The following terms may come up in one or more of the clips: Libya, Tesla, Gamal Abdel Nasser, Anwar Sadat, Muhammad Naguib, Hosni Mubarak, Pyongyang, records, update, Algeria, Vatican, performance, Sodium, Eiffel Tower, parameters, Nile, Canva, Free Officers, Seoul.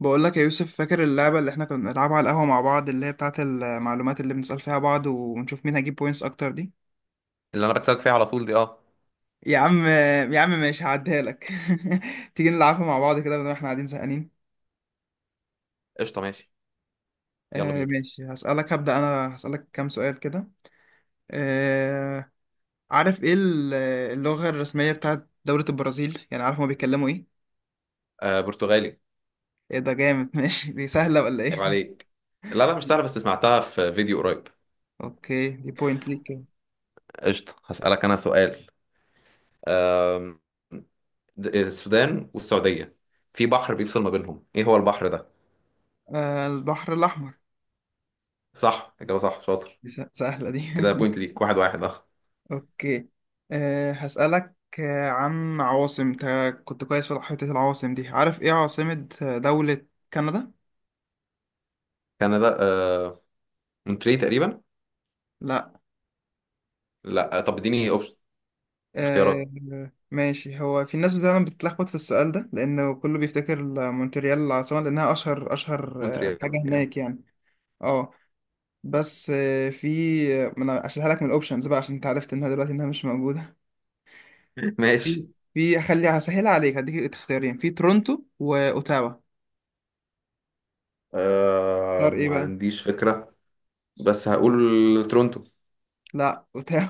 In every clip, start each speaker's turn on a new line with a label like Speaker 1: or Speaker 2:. Speaker 1: بقول لك يا يوسف، فاكر اللعبة اللي احنا كنا بنلعبها على القهوة مع بعض، اللي هي بتاعة المعلومات اللي بنسأل فيها بعض ونشوف مين هيجيب بوينتس أكتر دي؟
Speaker 2: اللي انا بكسبك فيها على طول دي
Speaker 1: يا عم، يا عم ماشي هعديها لك. تيجي نلعبها مع بعض كده بدل ما احنا قاعدين زهقانين.
Speaker 2: قشطه، ماشي. يلا بينا.
Speaker 1: ماشي، هسألك. هبدأ أنا هسألك كام سؤال كده. آه عارف ايه ال- اللغة الرسمية بتاعة دولة البرازيل، يعني عارف هما بيتكلموا ايه؟
Speaker 2: برتغالي.
Speaker 1: ايه ده جامد! ماشي، دي سهلة ولا
Speaker 2: عيب
Speaker 1: ايه؟
Speaker 2: عليك. لا لا، مش سهله، بس سمعتها في فيديو قريب.
Speaker 1: اوكي، دي بوينت ليك كده.
Speaker 2: قشطه، هسألك انا سؤال. أم، السودان والسعوديه، في بحر بيفصل ما بينهم، ايه هو البحر ده؟
Speaker 1: آه، البحر الأحمر.
Speaker 2: صح، اجابه صح، شاطر.
Speaker 1: دي سهلة دي.
Speaker 2: كده بوينت ليك، واحد واحد
Speaker 1: اوكي. هسألك عن عواصم. انت كنت كويس في حتة العواصم دي. عارف ايه عاصمة دولة كندا؟
Speaker 2: كندا مونتري تقريبا.
Speaker 1: لا.
Speaker 2: لا طب اديني اوبشن،
Speaker 1: أه
Speaker 2: اختيارات.
Speaker 1: ماشي، هو في ناس فعلا بتتلخبط في السؤال ده لأنه كله بيفتكر مونتريال العاصمة، لأنها أشهر أشهر
Speaker 2: مونتري
Speaker 1: حاجة
Speaker 2: يعني.
Speaker 1: هناك يعني. اه، بس آه، في ما أنا هشيلها لك من الأوبشنز بقى، عشان أنت عرفت إنها دلوقتي إنها مش موجودة.
Speaker 2: ماشي.
Speaker 1: في في هخليها، هسهلها عليك. هديك اختيارين، في تورونتو وأوتاوا. اختار ايه
Speaker 2: ما
Speaker 1: بقى؟
Speaker 2: عنديش فكره، بس هقول تورونتو.
Speaker 1: لا، اوتاوا.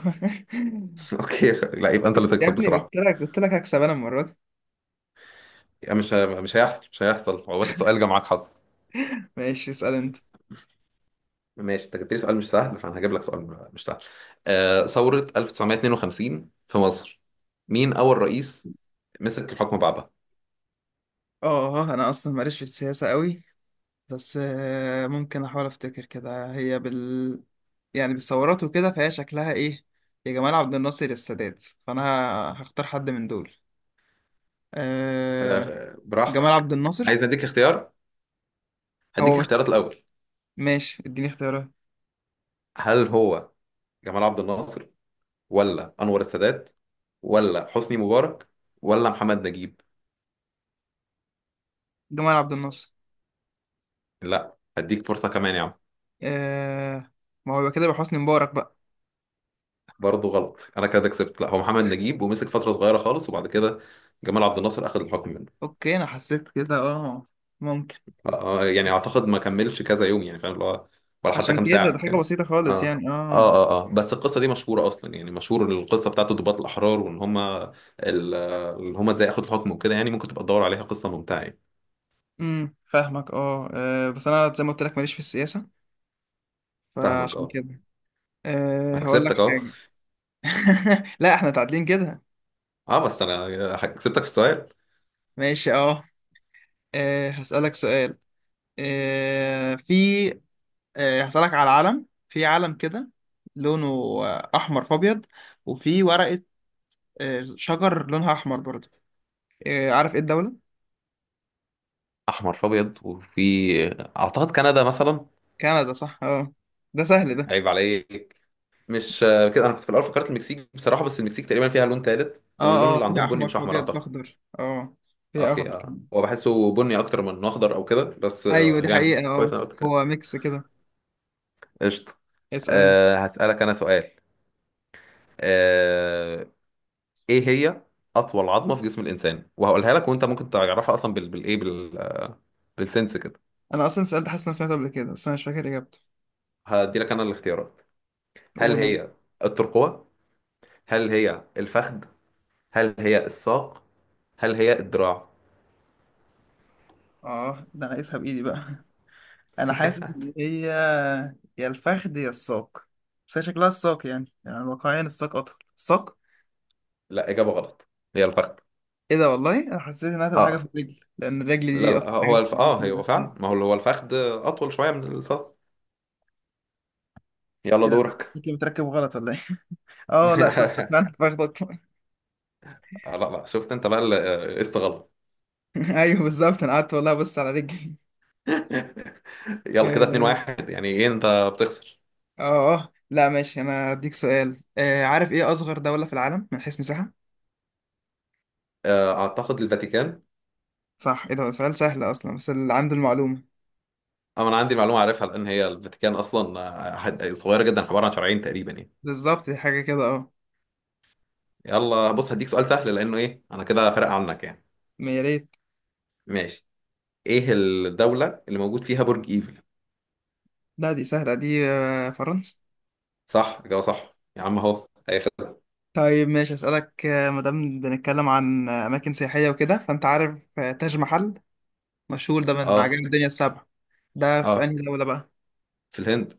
Speaker 2: اوكي، لا يبقى انت اللي
Speaker 1: شفت يا
Speaker 2: تكسب
Speaker 1: ابني،
Speaker 2: بصراحه.
Speaker 1: قلت لك قلت لك هكسب انا المره دي.
Speaker 2: يعني مش هيحصل، مش هيحصل، هو بس سؤال جه معاك حظ.
Speaker 1: ماشي، اسال انت.
Speaker 2: ماشي، انت جبت لي سؤال مش سهل، فانا هجيب لك سؤال مش سهل. ثورة 1952 في مصر، مين أول رئيس مسك الحكم بعدها؟
Speaker 1: اه، انا اصلا ماليش في السياسه قوي، بس ممكن احاول افتكر كده. هي يعني بالثورات وكده، فهي شكلها ايه، يا جمال عبد الناصر يا السادات، فانا هختار حد من دول. أه... جمال عبد
Speaker 2: براحتك.
Speaker 1: الناصر.
Speaker 2: عايز اديك اختيار، هديك
Speaker 1: هو مش
Speaker 2: اختيارات الأول.
Speaker 1: ماشي، اديني اختيارات.
Speaker 2: هل هو جمال عبد الناصر، ولا أنور السادات، ولا حسني مبارك، ولا محمد نجيب؟
Speaker 1: جمال عبد الناصر.
Speaker 2: لا، هديك فرصة كمان يا عم.
Speaker 1: أه... ما هو يبقى كده، يبقى حسني مبارك بقى.
Speaker 2: برضه غلط، انا كده كسبت. لا، هو محمد نجيب، ومسك فترة صغيرة خالص، وبعد كده جمال عبد الناصر أخذ الحكم منه.
Speaker 1: اوكي، انا حسيت كده، اه، ممكن.
Speaker 2: يعني اعتقد ما كملش كذا يوم، يعني فاهم اللي هو، ولا حتى
Speaker 1: عشان
Speaker 2: كام
Speaker 1: كده
Speaker 2: ساعه
Speaker 1: ده حاجه
Speaker 2: كان.
Speaker 1: بسيطه خالص
Speaker 2: اه
Speaker 1: يعني،
Speaker 2: اه
Speaker 1: اه.
Speaker 2: اه بس القصه دي مشهوره اصلا، يعني مشهور القصه بتاعته ضباط الاحرار، اللي هم ازاي اخد الحكم وكده، يعني ممكن تبقى تدور عليها، قصه ممتعه يعني.
Speaker 1: فاهمك، اه، بس انا زي ما قلت لك، ماليش في السياسه،
Speaker 2: فاهمك
Speaker 1: فعشان كده
Speaker 2: انا
Speaker 1: هقول لك
Speaker 2: كسبتك اهو.
Speaker 1: حاجه. لا احنا تعادلين كده.
Speaker 2: اه بس انا كسبتك في السؤال.
Speaker 1: ماشي، اه، هسالك سؤال. أه في أه هسالك على علم، في علم كده، لونه احمر في ابيض، وفي ورقه شجر لونها احمر برضه. عارف ايه الدوله؟
Speaker 2: احمر في ابيض وفي، اعتقد كندا مثلا.
Speaker 1: كندا، صح، اه. ده سهل ده.
Speaker 2: عيب عليك. مش كده، انا كنت في الاول فكرت المكسيك بصراحه، بس المكسيك تقريبا فيها لون ثالث،
Speaker 1: اه
Speaker 2: واللون
Speaker 1: اه،
Speaker 2: اللي
Speaker 1: فيها
Speaker 2: عندهم بني
Speaker 1: احمر
Speaker 2: مش
Speaker 1: في
Speaker 2: احمر
Speaker 1: ابيض في
Speaker 2: اعتقد.
Speaker 1: اخضر، اه، فيها
Speaker 2: اوكي
Speaker 1: اخضر كمان.
Speaker 2: هو بحسه بني اكتر من إنه اخضر او كده، بس
Speaker 1: ايوه دي
Speaker 2: يعني
Speaker 1: حقيقه،
Speaker 2: كويس
Speaker 1: اه،
Speaker 2: انا قلت كده.
Speaker 1: هو ميكس كده.
Speaker 2: قشطه.
Speaker 1: اسأل انت.
Speaker 2: هسألك انا سؤال. أه ايه هي اطول عظمه في جسم الانسان؟ وهقولها لك، وانت ممكن تعرفها اصلا بال بالايه بال بالسنس كده.
Speaker 1: انا اصلا سألت، حاسس إن انا سمعته قبل كده بس انا مش فاكر اجابته.
Speaker 2: هدي لك انا الاختيارات. هل
Speaker 1: اول مرة.
Speaker 2: هي الترقوه، هل هي الفخذ، هل هي الساق، هل هي الدراع؟
Speaker 1: اه، ده انا قايسها بايدي بقى. انا حاسس ان هي يا الفخذ يا الساق، بس هي شكلها الساق يعني، يعني واقعيا الساق اطول، الساق.
Speaker 2: لا، اجابه غلط، هي الفخذ.
Speaker 1: ايه ده! والله انا حسيت انها هتبقى حاجه في
Speaker 2: اه
Speaker 1: الرجل، لان الرجل
Speaker 2: لا
Speaker 1: دي
Speaker 2: لا،
Speaker 1: اطول حاجه
Speaker 2: هو الف...
Speaker 1: في
Speaker 2: اه هو
Speaker 1: الجسم.
Speaker 2: فعلا، ما هو هو الفخذ اطول شويه من الساق. يلا
Speaker 1: ايه ده،
Speaker 2: دورك.
Speaker 1: شكلي متركب غلط ولا ايه؟ اه، لا صدق، فعلا الفخذ اطول.
Speaker 2: لا لا، شفت انت بقى قست غلط.
Speaker 1: ايوه بالظبط، انا قعدت والله بص على رجلي.
Speaker 2: يلا
Speaker 1: اه
Speaker 2: كده 2 1، يعني ايه انت بتخسر.
Speaker 1: اه لا ماشي، انا هديك سؤال، آه، عارف ايه اصغر دوله في العالم من حيث مساحه؟
Speaker 2: اعتقد الفاتيكان.
Speaker 1: صح. ايه ده سؤال سهل اصلا، بس اللي عنده المعلومة.
Speaker 2: اما انا عندي معلومه عارفها، لان هي الفاتيكان اصلا صغيره جدا، عباره عن شرعين تقريبا يعني.
Speaker 1: بالظبط، دي حاجة كده، اه.
Speaker 2: يلا بص، هديك سؤال سهل، لانه ايه، انا كده فارق عنك يعني.
Speaker 1: ما يا ريت.
Speaker 2: ماشي، ايه الدوله اللي موجود فيها برج ايفل؟
Speaker 1: لا دي سهلة دي، فرنسا.
Speaker 2: صح، اجابه صح يا عم، اهو هياخد.
Speaker 1: طيب ماشي، اسألك مادام بنتكلم عن أماكن سياحية وكده، فأنت عارف تاج محل، مشهور ده من
Speaker 2: اه
Speaker 1: عجائب الدنيا السبع. ده في
Speaker 2: اه
Speaker 1: أنهي دولة بقى؟
Speaker 2: في الهند.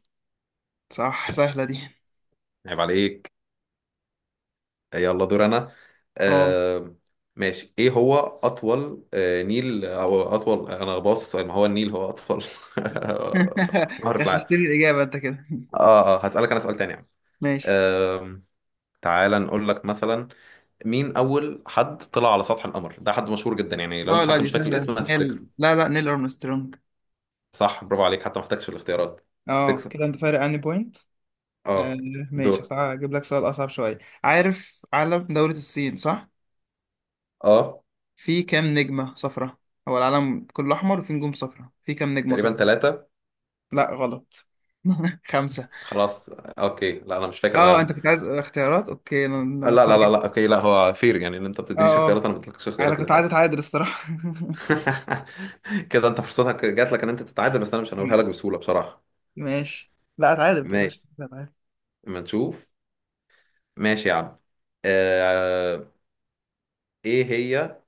Speaker 1: صح، سهلة دي.
Speaker 2: عيب عليك. يلا دور انا.
Speaker 1: اه.
Speaker 2: آه ماشي، ايه هو اطول نيل، او اطول، انا باصص، ما هو النيل هو اطول نهر في العالم.
Speaker 1: غششتني الإجابة أنت كده.
Speaker 2: اه هسألك انا سؤال تاني يعني.
Speaker 1: ماشي،
Speaker 2: آه تعالى نقول لك مثلا، مين اول حد طلع على سطح القمر؟ ده حد مشهور جدا يعني، لو
Speaker 1: اه،
Speaker 2: انت
Speaker 1: لا
Speaker 2: حتى
Speaker 1: دي
Speaker 2: مش فاكر
Speaker 1: سهلة،
Speaker 2: الاسم
Speaker 1: نيل،
Speaker 2: هتفتكره.
Speaker 1: لا لا، نيل أرمسترونج.
Speaker 2: صح، برافو عليك، حتى ما احتاجش الاختيارات.
Speaker 1: اه،
Speaker 2: تكسب
Speaker 1: كده أنت فارق عني بوينت.
Speaker 2: اه
Speaker 1: آه
Speaker 2: دور.
Speaker 1: ماشي، هجيب لك سؤال أصعب شوية. عارف علم دولة الصين، صح؟
Speaker 2: اه
Speaker 1: في كام نجمة صفرة؟ هو العلم كله أحمر وفي نجوم صفرة، في كام نجمة
Speaker 2: تقريبا
Speaker 1: صفرة؟
Speaker 2: ثلاثة.
Speaker 1: لا غلط. 5.
Speaker 2: خلاص اوكي، لا انا مش فاكر
Speaker 1: اه، انت
Speaker 2: انا
Speaker 1: كنت عايز اختيارات، اوكي، انا أنا
Speaker 2: لا لا
Speaker 1: اتسرعت.
Speaker 2: لا لا، اوكي، لا هو فير يعني، ان انت ما
Speaker 1: اه،
Speaker 2: بتدينيش
Speaker 1: اه،
Speaker 2: اختيارات، انا ما بديتلكش
Speaker 1: انا
Speaker 2: اختيارات اللي
Speaker 1: كنت عايز
Speaker 2: فات.
Speaker 1: اتعادل الصراحة.
Speaker 2: كده انت فرصتك جات لك ان انت تتعادل، بس انا مش هنقولها لك بسهوله بصراحه.
Speaker 1: ماشي، لا اتعادل ما تقلقش،
Speaker 2: ماشي،
Speaker 1: لا، اتعادل.
Speaker 2: ما نشوف. ماشي يا عم. آه... ايه هي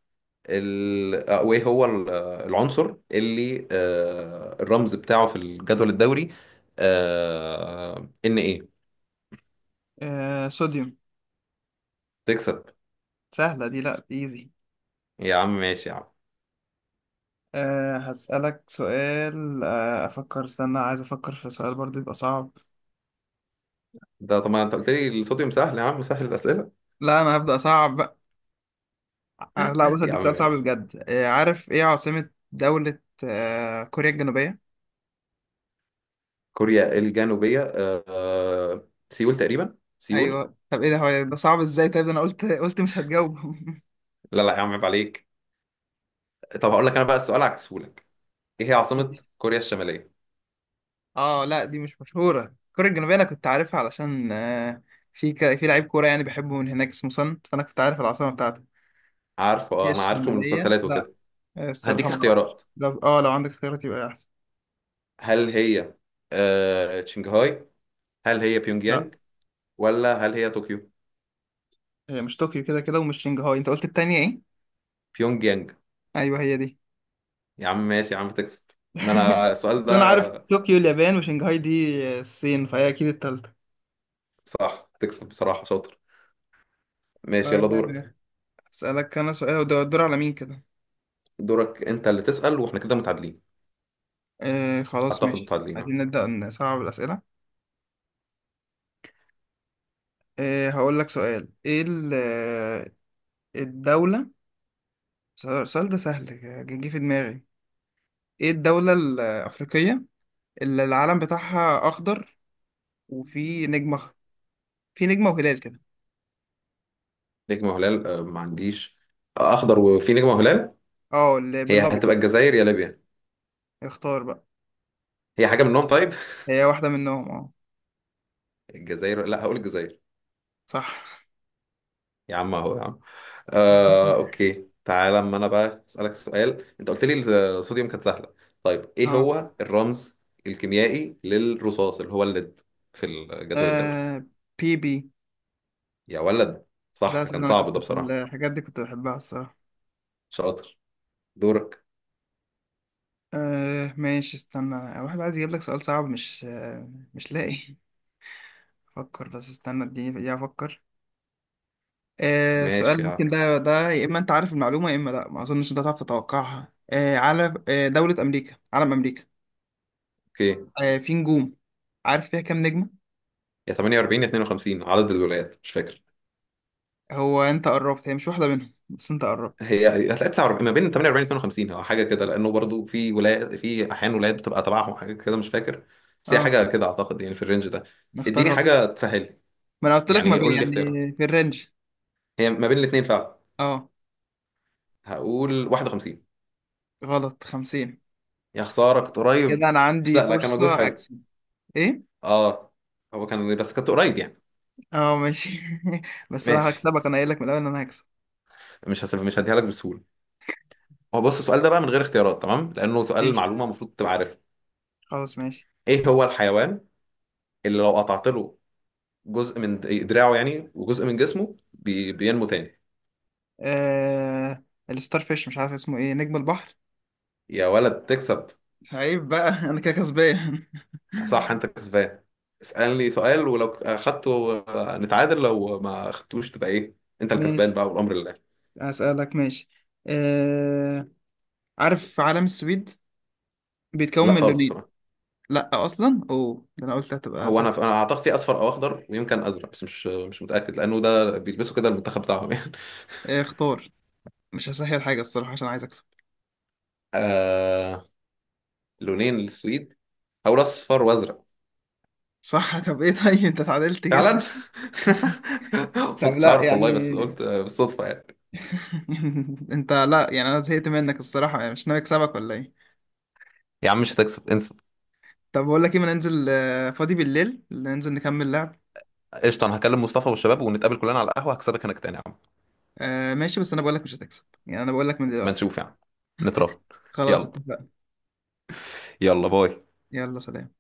Speaker 2: ال... آه، وايه هو العنصر اللي الرمز بتاعه في الجدول الدوري ان ايه؟
Speaker 1: آه، صوديوم.
Speaker 2: تكسب
Speaker 1: سهلة دي، لا ايزي.
Speaker 2: يا عم، ماشي يا عم.
Speaker 1: هسألك سؤال، آه أفكر استنى، عايز أفكر في سؤال برضو يبقى صعب.
Speaker 2: ده طبعا، انت قلت لي الصوديوم سهل، يا عم سهل الاسئله.
Speaker 1: لا أنا هبدأ صعب. لا بص،
Speaker 2: يا
Speaker 1: هديك
Speaker 2: عم
Speaker 1: سؤال صعب
Speaker 2: ماشي.
Speaker 1: بجد، عارف ايه عاصمة دولة كوريا الجنوبية؟
Speaker 2: كوريا الجنوبية، سيول تقريبا، سيول.
Speaker 1: ايوه. طب ايه ده، هو ده صعب ازاي؟ طيب ده انا قلت قلت مش هتجاوب.
Speaker 2: لا لا يا عم، عيب عليك. طب هقول لك انا بقى السؤال، عكسهولك، ايه هي عاصمة كوريا الشمالية؟
Speaker 1: اه لا، دي مش مشهورة، كوريا الجنوبية انا كنت عارفها علشان في لعيب كورة يعني بحبه من هناك اسمه سون، فانا كنت عارف العاصمة بتاعته.
Speaker 2: عارفه
Speaker 1: هي
Speaker 2: انا عارفه من
Speaker 1: الشمالية؟
Speaker 2: المسلسلات
Speaker 1: لا،
Speaker 2: وكده.
Speaker 1: الصراحة
Speaker 2: هديك
Speaker 1: ما اعرفش.
Speaker 2: اختيارات.
Speaker 1: لو اه، لو عندك اختيارات يبقى احسن.
Speaker 2: هل هي شنغهاي، هل هي بيونج
Speaker 1: لا،
Speaker 2: يانج، ولا هل هي طوكيو؟
Speaker 1: هي مش طوكيو كده كده، ومش شنغهاي. انت قلت التانية ايه؟
Speaker 2: بيونج يانج.
Speaker 1: ايوه هي دي.
Speaker 2: يا عم ماشي يا عم، تكسب. ما انا السؤال
Speaker 1: اصل
Speaker 2: ده.
Speaker 1: انا عارف طوكيو اليابان، وشنغهاي دي الصين، فهي اكيد التالتة.
Speaker 2: صح، تكسب بصراحة، شاطر. ماشي
Speaker 1: آه،
Speaker 2: يلا دورك.
Speaker 1: اسالك انا سؤال، وده الدور على مين كده؟
Speaker 2: دورك انت اللي تسأل، واحنا كده متعادلين.
Speaker 1: آه خلاص
Speaker 2: اعتقد
Speaker 1: ماشي،
Speaker 2: متعادلين
Speaker 1: عايزين نبدا نصعب الاسئله. هقول لك سؤال. ايه الدوله؟ السؤال ده سهل، جه في دماغي. ايه الدوله الافريقيه اللي العلم بتاعها اخضر وفي في نجمه وهلال كده؟
Speaker 2: نجمة وهلال ما عنديش. اخضر وفي نجمة وهلال،
Speaker 1: اه، اللي
Speaker 2: هي
Speaker 1: بالابيض.
Speaker 2: هتبقى الجزائر يا ليبيا.
Speaker 1: اختار بقى.
Speaker 2: هي حاجة منهم طيب.
Speaker 1: هي واحده منهم، اه.
Speaker 2: الجزائر، لا هقول الجزائر.
Speaker 1: صح.
Speaker 2: يا عم اهو يا عم. اوكي، تعالى اما انا بقى اسالك سؤال، انت قلت لي الصوديوم كانت سهلة، طيب ايه
Speaker 1: اه.
Speaker 2: هو الرمز الكيميائي للرصاص، اللي هو الليد، في الجدول الدوري؟
Speaker 1: آه Pb.
Speaker 2: يا ولد،
Speaker 1: لا
Speaker 2: صح،
Speaker 1: أساسا
Speaker 2: كان
Speaker 1: أنا
Speaker 2: صعب
Speaker 1: كنت
Speaker 2: ده
Speaker 1: في
Speaker 2: بصراحة.
Speaker 1: الحاجات دي، كنت بحبها الصراحة.
Speaker 2: شاطر. دورك.
Speaker 1: ماشي استنى، واحد عايز يجيب لك سؤال صعب، مش مش لاقي. أفكر بس، استنى اديني دقيقة أفكر. آه
Speaker 2: ماشي
Speaker 1: سؤال
Speaker 2: يا عم.
Speaker 1: ممكن ده يا إما أنت عارف المعلومة يا إما لأ، ما أظنش أنت هتعرف تتوقعها. آه على آه دولة أمريكا، علم أمريكا،
Speaker 2: اوكي،
Speaker 1: في نجوم، عارف فيها كام نجمة؟
Speaker 2: يا 48 يا 52، عدد الولايات مش فاكر.
Speaker 1: هو أنت قربت، هي مش واحدة منهم، بس أنت قربت.
Speaker 2: هي هتلاقي 49 ما بين 48 52، هو حاجه كده، لانه برضو في ولايات، في احيان ولايات بتبقى تبعهم حاجه كده مش فاكر، بس هي
Speaker 1: أه
Speaker 2: حاجه كده اعتقد، يعني في الرينج ده.
Speaker 1: نختار
Speaker 2: اديني
Speaker 1: رقم.
Speaker 2: حاجه تسهل،
Speaker 1: ما أنا قلت لك ما
Speaker 2: يعني
Speaker 1: بي
Speaker 2: قول لي
Speaker 1: يعني،
Speaker 2: اختيارها،
Speaker 1: في الرينج.
Speaker 2: هي ما بين الاثنين فعلا.
Speaker 1: أه
Speaker 2: هقول 51.
Speaker 1: غلط، 50.
Speaker 2: يا خساره، كنت
Speaker 1: كده
Speaker 2: قريب.
Speaker 1: انا
Speaker 2: بس
Speaker 1: عندي
Speaker 2: لا لا، كان مجهود
Speaker 1: فرصة
Speaker 2: حلو.
Speaker 1: اكسب. ايه،
Speaker 2: اه هو كان، بس كنت قريب يعني.
Speaker 1: اه ماشي. بس انا
Speaker 2: ماشي،
Speaker 1: هكسبك، انا قايل لك من الاول ان انا هكسب.
Speaker 2: مش هديها لك بسهوله. هو بص السؤال ده بقى من غير اختيارات، تمام، لانه سؤال
Speaker 1: ماشي،
Speaker 2: معلومه المفروض تبقى عارفها.
Speaker 1: خلاص ماشي.
Speaker 2: ايه هو الحيوان اللي لو قطعت له جزء من دراعه يعني، وجزء من جسمه، بينمو تاني؟
Speaker 1: آه... الستار فيش، مش عارف اسمه ايه، نجم البحر.
Speaker 2: يا ولد تكسب.
Speaker 1: عيب بقى. انا كده كسبان.
Speaker 2: صح، انت كسبان. اسألني سؤال، ولو اخدته نتعادل، لو ما اخدتوش تبقى ايه، انت الكسبان
Speaker 1: ماشي،
Speaker 2: بقى والامر لله.
Speaker 1: هسألك ماشي. آه... عارف علم السويد بيتكون
Speaker 2: لا
Speaker 1: من
Speaker 2: خالص
Speaker 1: لونين؟
Speaker 2: بصراحة.
Speaker 1: لا اصلا، اوه ده انا قلت هتبقى
Speaker 2: هو
Speaker 1: سهل.
Speaker 2: انا انا اعتقد في اصفر او اخضر، ويمكن ازرق، بس مش متاكد، لانه ده بيلبسوا كده المنتخب بتاعهم يعني.
Speaker 1: اختار، مش هسهل حاجة الصراحة عشان عايز اكسب.
Speaker 2: آه... لونين للسويد، هقول اصفر وازرق.
Speaker 1: صح. طب ايه، طيب انت اتعادلت
Speaker 2: فعلا.
Speaker 1: كده. طب
Speaker 2: ما كنتش
Speaker 1: لا
Speaker 2: عارف
Speaker 1: يعني.
Speaker 2: والله، بس قلت بالصدفة يعني.
Speaker 1: انت لا يعني، انا زهقت منك الصراحه يعني، مش ناوي اكسبك ولا ايه؟
Speaker 2: يا عم مش هتكسب، انسى.
Speaker 1: طب بقول لك ايه، ما ننزل فاضي بالليل ننزل نكمل لعب.
Speaker 2: قشطة، أنا هكلم مصطفى والشباب، ونتقابل كلنا على القهوة، هكسبك هناك تاني يا عم.
Speaker 1: ماشي، بس انا بقول لك مش هتكسب يعني، انا بقول لك من
Speaker 2: ما
Speaker 1: دلوقتي.
Speaker 2: نشوف يعني، نتراهن.
Speaker 1: خلاص
Speaker 2: يلا.
Speaker 1: اتفقنا.
Speaker 2: يلا باي.
Speaker 1: يلا سلام.